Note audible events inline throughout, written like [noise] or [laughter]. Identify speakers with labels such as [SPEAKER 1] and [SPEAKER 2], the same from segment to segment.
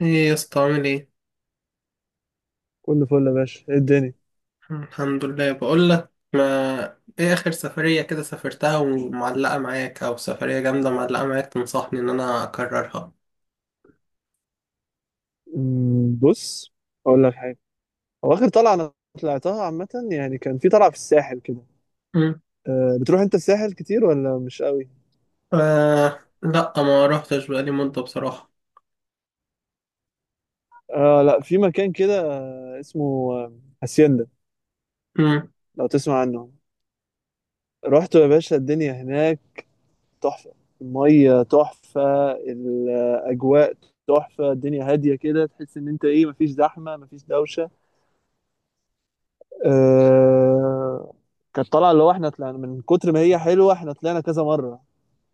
[SPEAKER 1] ايه يا اسطى، عامل ايه؟
[SPEAKER 2] كله فل يا باشا، ايه الدنيا؟
[SPEAKER 1] الحمد لله. بقول لك ما ايه اخر سفرية كده سافرتها ومعلقة معاك، او سفرية جامدة معلقة معاك تنصحني ان انا اكررها.
[SPEAKER 2] بص، اقول لك حاجه. هو اخر طلعه انا طلعتها عامه، يعني كان في طلعه في الساحل كده.
[SPEAKER 1] مم.
[SPEAKER 2] أه، بتروح انت الساحل كتير ولا مش قوي؟
[SPEAKER 1] آه لا، ما روحتش بقالي مدة بصراحة.
[SPEAKER 2] أه، لا، في مكان كده، اسمه هاسيندا،
[SPEAKER 1] مم.
[SPEAKER 2] لو تسمع عنه. رحت يا باشا، الدنيا هناك تحفه، الميه تحفه، الاجواء تحفه، الدنيا هاديه كده، تحس ان انت ايه، مفيش زحمه مفيش دوشه. أه، كانت طالعه، اللي هو احنا طلعنا من كتر ما هي حلوه احنا طلعنا كذا مره.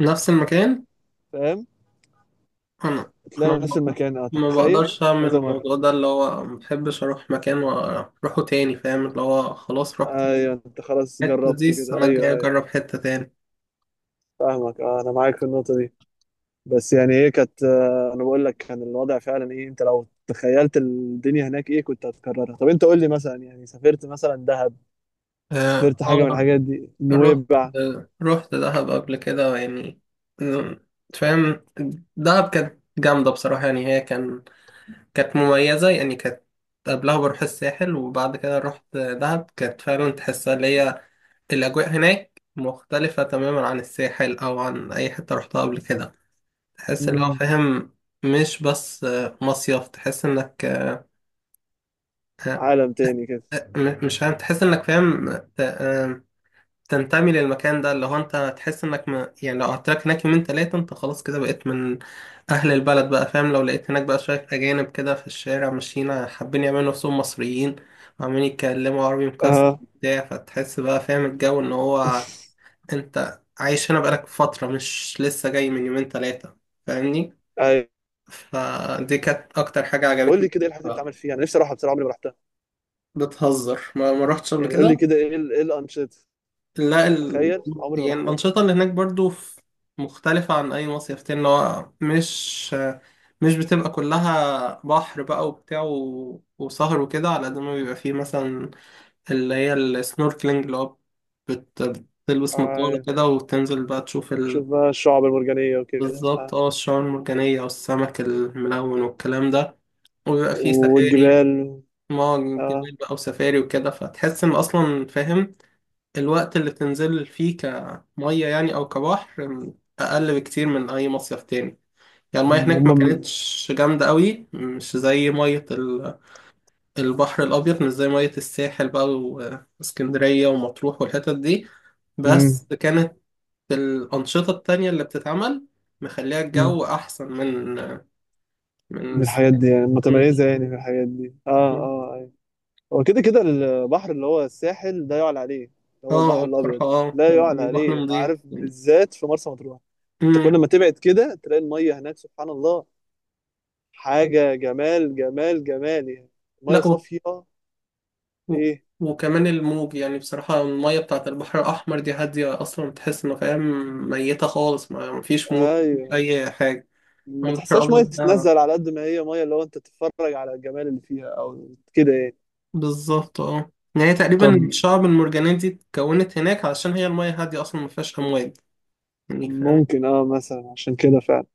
[SPEAKER 1] نفس المكان.
[SPEAKER 2] فاهم؟
[SPEAKER 1] انا انا
[SPEAKER 2] تلاقي نفس المكان، اه،
[SPEAKER 1] ما
[SPEAKER 2] تخيل
[SPEAKER 1] بقدرش اعمل
[SPEAKER 2] كذا مرة.
[SPEAKER 1] الموضوع ده، اللي هو ما بحبش اروح مكان واروحه تاني، فاهم؟ اللي هو خلاص رحت
[SPEAKER 2] ايوه، انت خلاص
[SPEAKER 1] الحتة دي،
[SPEAKER 2] جربته كده،
[SPEAKER 1] السنة الجاية
[SPEAKER 2] ايوه ايوه.
[SPEAKER 1] اجرب حتة تاني.
[SPEAKER 2] فاهمك، اه، انا معاك في النقطة دي. بس يعني ايه، كانت انا بقول لك كان الوضع فعلا ايه، انت لو تخيلت الدنيا هناك ايه كنت هتكررها. طب انت قول لي مثلا، يعني سافرت مثلا دهب،
[SPEAKER 1] اه
[SPEAKER 2] سافرت حاجة من
[SPEAKER 1] آه.
[SPEAKER 2] الحاجات دي،
[SPEAKER 1] رحت،
[SPEAKER 2] نويبع؟
[SPEAKER 1] رحت دهب قبل كده يعني، فاهم؟ دهب كانت جامدة بصراحة، يعني هي كان كانت مميزة، يعني كانت قبلها بروح الساحل، وبعد كده رحت دهب، كانت فعلا تحسها اللي هي الأجواء هناك مختلفة تماما عن الساحل أو عن أي حتة رحتها قبل كده. تحس اللي هو
[SPEAKER 2] مم،
[SPEAKER 1] فاهم مش بس مصيف، تحس إنك
[SPEAKER 2] عالم تاني كده.
[SPEAKER 1] مش فاهم تحس إنك فاهم. تنتمي للمكان ده، اللي هو انت تحس انك ما يعني لو قعدت لك هناك يومين تلاتة انت خلاص كده بقيت من اهل البلد بقى، فاهم؟ لو لقيت هناك بقى شوية اجانب كده في الشارع ماشيين حابين يعملوا نفسهم مصريين وعمالين يتكلموا عربي مكسر
[SPEAKER 2] اه،
[SPEAKER 1] بتاع، فتحس بقى فاهم الجو ان هو انت عايش هنا بقالك فترة مش لسه جاي من يومين تلاتة، فاهمني؟
[SPEAKER 2] ايوه.
[SPEAKER 1] فدي كانت اكتر حاجة
[SPEAKER 2] قول لي
[SPEAKER 1] عجبتني
[SPEAKER 2] كده ايه
[SPEAKER 1] فيك
[SPEAKER 2] الحاجات اللي
[SPEAKER 1] بقى.
[SPEAKER 2] بتعمل فيها، انا نفسي اروحها بصراحة، عمري ما رحتها.
[SPEAKER 1] بتهزر، ما رحتش قبل
[SPEAKER 2] يعني قول لي
[SPEAKER 1] كده.
[SPEAKER 2] كده ايه ال- ايه الانشطة.
[SPEAKER 1] لا ال...
[SPEAKER 2] تخيل، عمري ما
[SPEAKER 1] يعني
[SPEAKER 2] رحتها.
[SPEAKER 1] الأنشطة اللي هناك برضو مختلفة عن أي مصيف تاني، اللي هو مش بتبقى كلها بحر بقى وبتاع وسهر وكده، على قد ما بيبقى فيه مثلا اللي هي السنوركلينج، اللي هو بت... بتلبس نظارة
[SPEAKER 2] آه.
[SPEAKER 1] كده وتنزل بقى تشوف
[SPEAKER 2] شوف بقى الشعب المرجانية وكده،
[SPEAKER 1] بالظبط
[SPEAKER 2] آه.
[SPEAKER 1] اه، الشعاب المرجانية والسمك الملون والكلام ده، وبيبقى فيه سفاري.
[SPEAKER 2] والجبال.
[SPEAKER 1] ما
[SPEAKER 2] اه.
[SPEAKER 1] جبال بقى وسفاري وكده، فتحس إن أصلا فاهم الوقت اللي تنزل فيه كمية يعني أو كبحر أقل بكتير من أي مصيف تاني. يعني المية هناك ما
[SPEAKER 2] هم.
[SPEAKER 1] كانتش جامدة قوي، مش زي مية ال- البحر الأبيض مش زي مية الساحل بقى واسكندرية ومطروح والحتت دي،
[SPEAKER 2] امم.
[SPEAKER 1] بس كانت الأنشطة التانية اللي بتتعمل مخليها
[SPEAKER 2] امم.
[SPEAKER 1] الجو أحسن من من
[SPEAKER 2] من الحاجات
[SPEAKER 1] الساحل.
[SPEAKER 2] دي يعني متميزة، يعني في الحاجات دي، اه اه ايوه. هو كده كده البحر، اللي هو الساحل ده يعلى عليه، اللي هو
[SPEAKER 1] اه
[SPEAKER 2] البحر الأبيض
[SPEAKER 1] بصراحة،
[SPEAKER 2] ده
[SPEAKER 1] اه
[SPEAKER 2] لا يعلى
[SPEAKER 1] البحر
[SPEAKER 2] عليه،
[SPEAKER 1] نضيف.
[SPEAKER 2] عارف؟ بالذات في مرسى مطروح. انت
[SPEAKER 1] مم.
[SPEAKER 2] كل ما تبعد كده تلاقي المية هناك، سبحان الله، حاجة، جمال جمال جمال يعني.
[SPEAKER 1] لا
[SPEAKER 2] مية صافية.
[SPEAKER 1] و-
[SPEAKER 2] ايه؟
[SPEAKER 1] وكمان الموج، يعني بصراحة المية بتاعة البحر الأحمر دي هادية أصلا، تحس إنه فاهم ميتة خالص، ما مفيش موج مفيش
[SPEAKER 2] ايوه،
[SPEAKER 1] أي حاجة. أما
[SPEAKER 2] ما
[SPEAKER 1] البحر
[SPEAKER 2] تحسهاش مية
[SPEAKER 1] الأبيض ده
[SPEAKER 2] تتنزل، على قد ما هي مية اللي هو انت تتفرج على الجمال اللي فيها او كده يعني.
[SPEAKER 1] بالظبط اه، يعني تقريبا
[SPEAKER 2] طب
[SPEAKER 1] الشعب المرجانية دي اتكونت هناك علشان هي المية هادية أصلا مفيهاش أمواج، يعني فاهم.
[SPEAKER 2] ممكن اه مثلا عشان كده فعلا،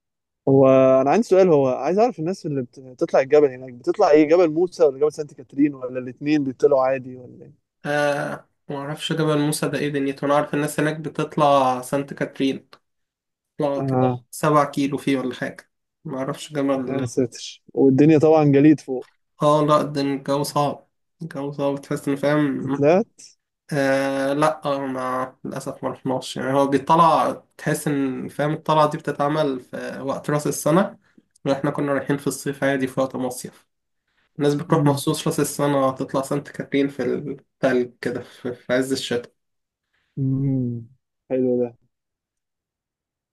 [SPEAKER 2] هو انا عندي سؤال، هو عايز اعرف الناس اللي بت- بتطلع الجبل هناك بتطلع ايه، جبل موسى ولا جبل سانت كاترين، ولا الاتنين بيطلعوا عادي، ولا ايه؟
[SPEAKER 1] آه، معرفش جبل موسى ده ايه دنيته. أنا عارف الناس هناك بتطلع سانت كاترين، تطلع كده
[SPEAKER 2] اه،
[SPEAKER 1] 7 كيلو فيه ولا حاجة، معرفش.
[SPEAKER 2] يا
[SPEAKER 1] جبل؟
[SPEAKER 2] ساتر، والدنيا طبعا جليد فوق.
[SPEAKER 1] اه لا، ده الجو صعب. الجو صعب تحس إنه فاهم.
[SPEAKER 2] طلعت؟
[SPEAKER 1] آه لا آه، ما للأسف ما رحناش. يعني هو بيطلع، تحس إن فاهم الطلعة دي بتتعمل في وقت رأس السنة، وإحنا كنا رايحين في الصيف عادي في وقت مصيف. الناس بتروح
[SPEAKER 2] مم.
[SPEAKER 1] مخصوص رأس السنة تطلع سانت كاترين في التلج كده، في في عز الشتاء.
[SPEAKER 2] مم. حلو ده.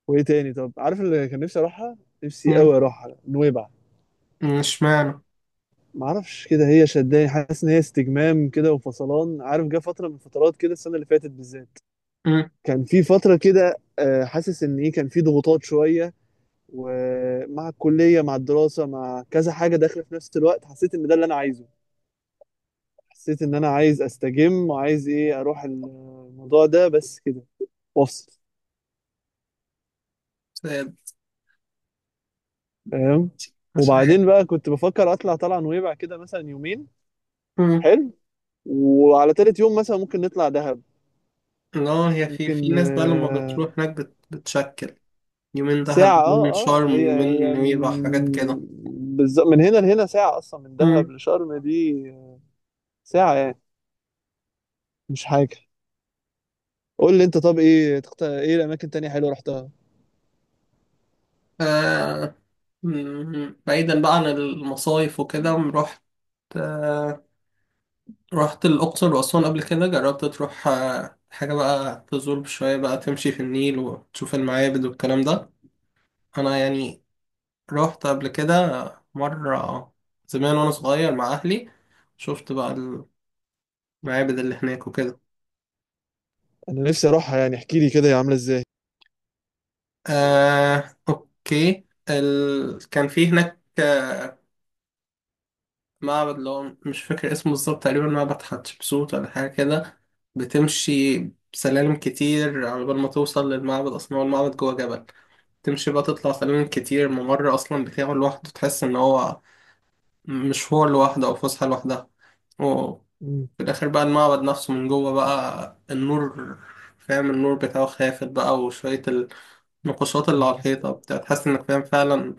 [SPEAKER 2] وايه تاني؟ طب عارف اللي كان نفسي اروحها؟ نفسي
[SPEAKER 1] مم.
[SPEAKER 2] قوي اروحها نويبع.
[SPEAKER 1] اشمعنى؟
[SPEAKER 2] ما اعرفش كده، هي شداني، حاسس ان هي استجمام كده وفصلان، عارف، جه فتره من الفترات كده السنه اللي فاتت بالذات،
[SPEAKER 1] مم.
[SPEAKER 2] كان في فتره كده، حاسس ان ايه، كان في ضغوطات شويه، ومع الكلية مع الدراسة مع كذا حاجة داخلة في نفس الوقت، حسيت إن ده اللي أنا عايزه. حسيت إن أنا عايز أستجم، وعايز إيه أروح الموضوع ده بس كده، وأفصل.
[SPEAKER 1] ساد.
[SPEAKER 2] فاهم؟
[SPEAKER 1] مش عارف.
[SPEAKER 2] وبعدين بقى كنت بفكر أطلع طلعة نويبع كده، مثلا يومين.
[SPEAKER 1] مم.
[SPEAKER 2] حلو. وعلى تالت يوم مثلا ممكن نطلع دهب.
[SPEAKER 1] لا، هي في في
[SPEAKER 2] ممكن،
[SPEAKER 1] ناس بقى لما بتروح هناك بتشكل يومين
[SPEAKER 2] ساعة،
[SPEAKER 1] دهب، يومين
[SPEAKER 2] اه اه،
[SPEAKER 1] شرم،
[SPEAKER 2] هي
[SPEAKER 1] يومين
[SPEAKER 2] هي
[SPEAKER 1] نويبع، حاجات كده.
[SPEAKER 2] بالظبط، من هنا لهنا ساعة أصلا، من دهب لشرم دي ساعة يعني، مش حاجة. قول لي انت، طب ايه ايه الاماكن تانية حلوه رحتها؟
[SPEAKER 1] آه، بعيدا بقى عن المصايف وكده، رحت آه، رحت الأقصر وأسوان قبل كده. جربت تروح آه حاجة بقى تزور شوية، بقى تمشي في النيل وتشوف المعابد والكلام ده؟ أنا يعني رحت قبل كده مرة زمان وأنا صغير مع أهلي. شفت بقى المعابد اللي هناك وكده.
[SPEAKER 2] انا نفسي اروحها، يعني احكي لي كده هي عامله ازاي.
[SPEAKER 1] آه أوكي. كان في هناك آه، معبد اللي هو مش فاكر اسمه بالظبط، تقريبا معبد حتشبسوت ولا حاجة كده. بتمشي سلالم كتير على بال ما توصل للمعبد، أصلا هو المعبد جوه جبل. تمشي بقى تطلع سلالم كتير، ممر أصلا بتاعه لوحده، تحس إن هو مشوار لوحده أو فسحة لوحدها، وفي
[SPEAKER 2] مم.
[SPEAKER 1] الآخر بقى المعبد نفسه من جوه بقى النور، فاهم؟ النور بتاعه خافت بقى، وشوية النقوشات اللي على الحيطة بتاع، تحس إنك فاهم فعلا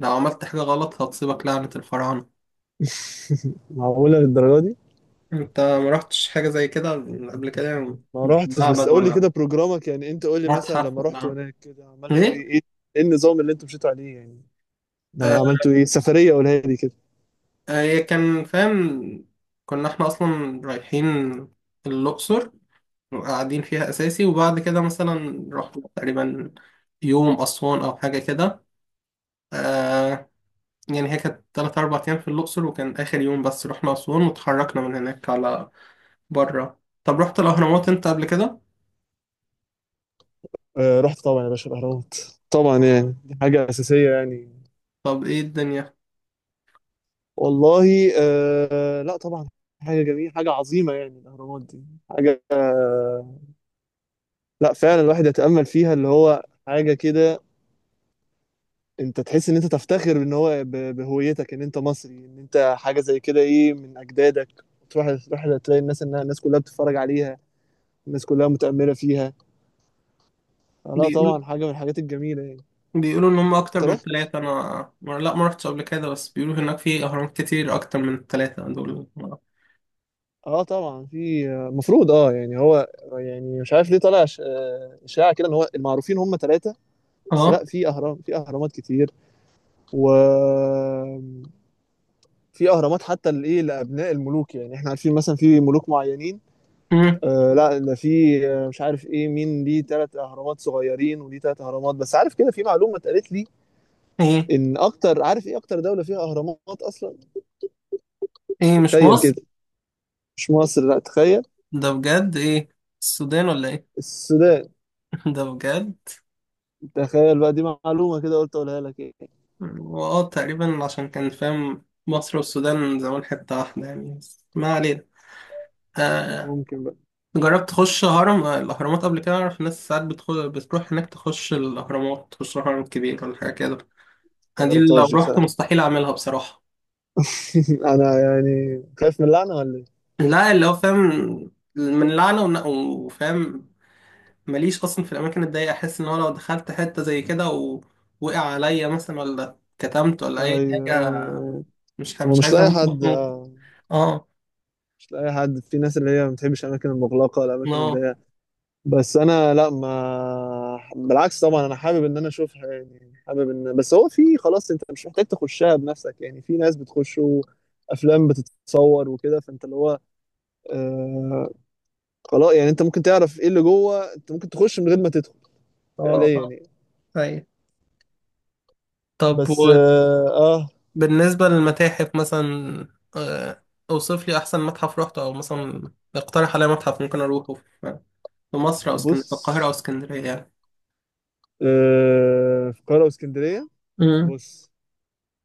[SPEAKER 1] لو عملت حاجة غلط هتصيبك لعنة الفراعنة.
[SPEAKER 2] [laughs] معقوله للدرجه دي؟
[SPEAKER 1] انت ما رحتش حاجة زي كده قبل كده؟
[SPEAKER 2] ما روحتش، بس
[SPEAKER 1] معبد
[SPEAKER 2] قول لي
[SPEAKER 1] ولا
[SPEAKER 2] كده بروجرامك، يعني انت قول لي مثلا
[SPEAKER 1] متحف
[SPEAKER 2] لما رحت
[SPEAKER 1] ولا
[SPEAKER 2] هناك كده عملتوا
[SPEAKER 1] ايه؟
[SPEAKER 2] ايه ايه، ايه النظام اللي انتوا مشيتوا عليه يعني؟ ده
[SPEAKER 1] آه
[SPEAKER 2] عملتوا ايه سفريه، قولها لي كده.
[SPEAKER 1] آه، هي كان فاهم كنا احنا اصلا رايحين الأقصر وقاعدين فيها أساسي، وبعد كده مثلا رحنا تقريبا يوم أسوان أو حاجة كده. آه يعني هي كانت تلات أربع أيام في الأقصر، وكان آخر يوم بس رحنا أسوان وتحركنا من هناك على برا. طب رحت الأهرامات أنت قبل كده؟
[SPEAKER 2] آه رحت طبعا يا باشا الاهرامات، طبعا، يعني دي حاجه اساسيه يعني.
[SPEAKER 1] طب ايه الدنيا؟
[SPEAKER 2] والله، آه، لا طبعا، حاجه جميله، حاجه عظيمه، يعني الاهرامات دي حاجه، آه، لا فعلا، الواحد يتامل فيها اللي هو حاجه كده، انت تحس ان انت تفتخر ان هو ب- بهويتك، ان انت مصري، ان انت حاجه زي كده ايه، من اجدادك. تروح تروح تلاقي الناس انها، الناس كلها بتتفرج عليها، الناس كلها متأملة فيها. آه، لا طبعا، حاجه من الحاجات الجميله يعني.
[SPEAKER 1] بيقولوا ان هم اكتر
[SPEAKER 2] انت
[SPEAKER 1] من
[SPEAKER 2] رحت؟
[SPEAKER 1] 3. انا لا، ما رحتش قبل كده، بس بيقولوا هناك في اهرامات كتير اكتر من الـ3 دول.
[SPEAKER 2] اه طبعا، في المفروض، اه يعني، هو يعني مش عارف ليه طالع ش- اشاعه كده ان هو المعروفين هم ثلاثه، بس
[SPEAKER 1] اه.
[SPEAKER 2] لا، في اهرام، في اهرامات كتير، و في اهرامات حتى لايه، لابناء الملوك، يعني احنا عارفين مثلا في ملوك معينين.
[SPEAKER 1] امم.
[SPEAKER 2] آه لا ده في مش عارف ايه، مين ليه ثلاث اهرامات صغيرين، وليه ثلاث اهرامات بس؟ عارف كده، في معلومه اتقالت لي،
[SPEAKER 1] ايه؟
[SPEAKER 2] ان اكتر، عارف ايه اكتر دوله فيها اهرامات اصلا؟
[SPEAKER 1] ايه مش
[SPEAKER 2] تخيل
[SPEAKER 1] مصر؟
[SPEAKER 2] كده، مش مصر، لا تخيل.
[SPEAKER 1] ده بجد؟ ايه، السودان ولا ايه؟
[SPEAKER 2] السودان.
[SPEAKER 1] [laughs] ده بجد؟
[SPEAKER 2] تخيل بقى، دي معلومه كده قلت اقولها لك ايه.
[SPEAKER 1] واه تقريبا عشان كان فاهم مصر والسودان زمان حتة واحدة يعني، بس ما علينا. آه.
[SPEAKER 2] ممكن بقى.
[SPEAKER 1] جربت تخش هرم آه، الأهرامات قبل كده؟ أعرف ناس ساعات بتروح هناك تخش الأهرامات، تخش الهرم الكبير ولا حاجة كده. آه،
[SPEAKER 2] ما
[SPEAKER 1] دي لو
[SPEAKER 2] جربتهاش دي
[SPEAKER 1] رحت
[SPEAKER 2] بصراحه.
[SPEAKER 1] مستحيل أعملها بصراحة.
[SPEAKER 2] [laughs] انا يعني خايف من اللعنه ولا ايه؟
[SPEAKER 1] لا اللي هو فاهم من لعنة وفاهم ماليش أصلا في الأماكن الضيقة. أحس إن هو لو دخلت حتة زي كده ووقع عليا مثلا ولا كتمت ولا أي
[SPEAKER 2] ايوه
[SPEAKER 1] حاجة،
[SPEAKER 2] ايوه ايوه.
[SPEAKER 1] مش
[SPEAKER 2] هو
[SPEAKER 1] مش
[SPEAKER 2] مش
[SPEAKER 1] عايز
[SPEAKER 2] لاقي
[SPEAKER 1] أموت [laughs]
[SPEAKER 2] حد
[SPEAKER 1] مخنوق. آه
[SPEAKER 2] مش لاقي حد، في ناس اللي هي ما بتحبش الاماكن المغلقه، الاماكن
[SPEAKER 1] آه
[SPEAKER 2] الضيقه. بس انا لا، ما بالعكس، طبعا انا حابب ان انا اشوفها، يعني حابب ان، بس هو في خلاص، انت مش محتاج تخشها بنفسك، يعني في ناس بتخش افلام بتتصور وكده، فانت اللي هو آه، خلاص يعني انت ممكن تعرف ايه اللي جوه، انت ممكن تخش من غير ما تدخل
[SPEAKER 1] آه
[SPEAKER 2] فعليا
[SPEAKER 1] آه.
[SPEAKER 2] يعني.
[SPEAKER 1] أيوة. طب
[SPEAKER 2] بس اه, آه.
[SPEAKER 1] وبالنسبة للمتاحف مثلا، آه، أوصف لي أحسن متحف روحته، أو مثلا اقترح عليا متحف ممكن أروحه في في مصر أو اسكندرية،
[SPEAKER 2] بص،
[SPEAKER 1] في القاهرة أو اسكندرية يعني.
[SPEAKER 2] آه، في القاهره واسكندريه.
[SPEAKER 1] امم.
[SPEAKER 2] بص،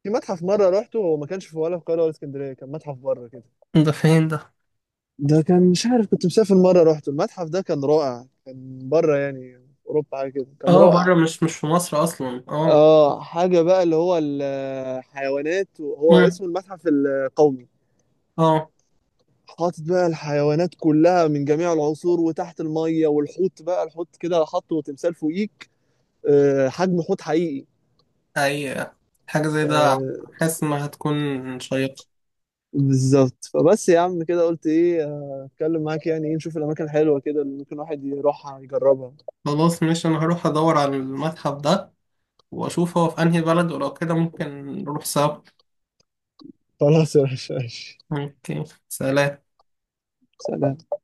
[SPEAKER 2] في متحف مره رحته، هو ما كانش في، ولا في القاهره ولا اسكندريه، كان متحف بره كده.
[SPEAKER 1] ده فين ده؟
[SPEAKER 2] ده كان مش عارف، كنت مسافر مرة رحت المتحف ده، كان رائع، كان بره يعني، في أوروبا حاجة كده، كان
[SPEAKER 1] آه بره،
[SPEAKER 2] رائع.
[SPEAKER 1] مش في مصر أصلا.
[SPEAKER 2] اه حاجة بقى، اللي هو الحيوانات، هو
[SPEAKER 1] آه.
[SPEAKER 2] اسمه المتحف القومي.
[SPEAKER 1] اه.
[SPEAKER 2] حاطط بقى الحيوانات كلها من جميع العصور، وتحت المية، والحوت بقى، الحوت كده حاطه تمثال فوقيك، حجم حوت حقيقي.
[SPEAKER 1] اي حاجة زي ده
[SPEAKER 2] ف-
[SPEAKER 1] حاسس انها هتكون شيقة.
[SPEAKER 2] بالظبط، فبس يا عم كده قلت ايه اتكلم معاك، يعني ايه، نشوف الاماكن الحلوة كده اللي ممكن واحد يروحها يجربها.
[SPEAKER 1] خلاص، مش انا هروح ادور على المتحف ده، واشوف هو في انهي بلد، ولو كده ممكن نروح سوا.
[SPEAKER 2] خلاص يا باشا ماشي.
[SPEAKER 1] اوكي سلام.
[SPEAKER 2] سلام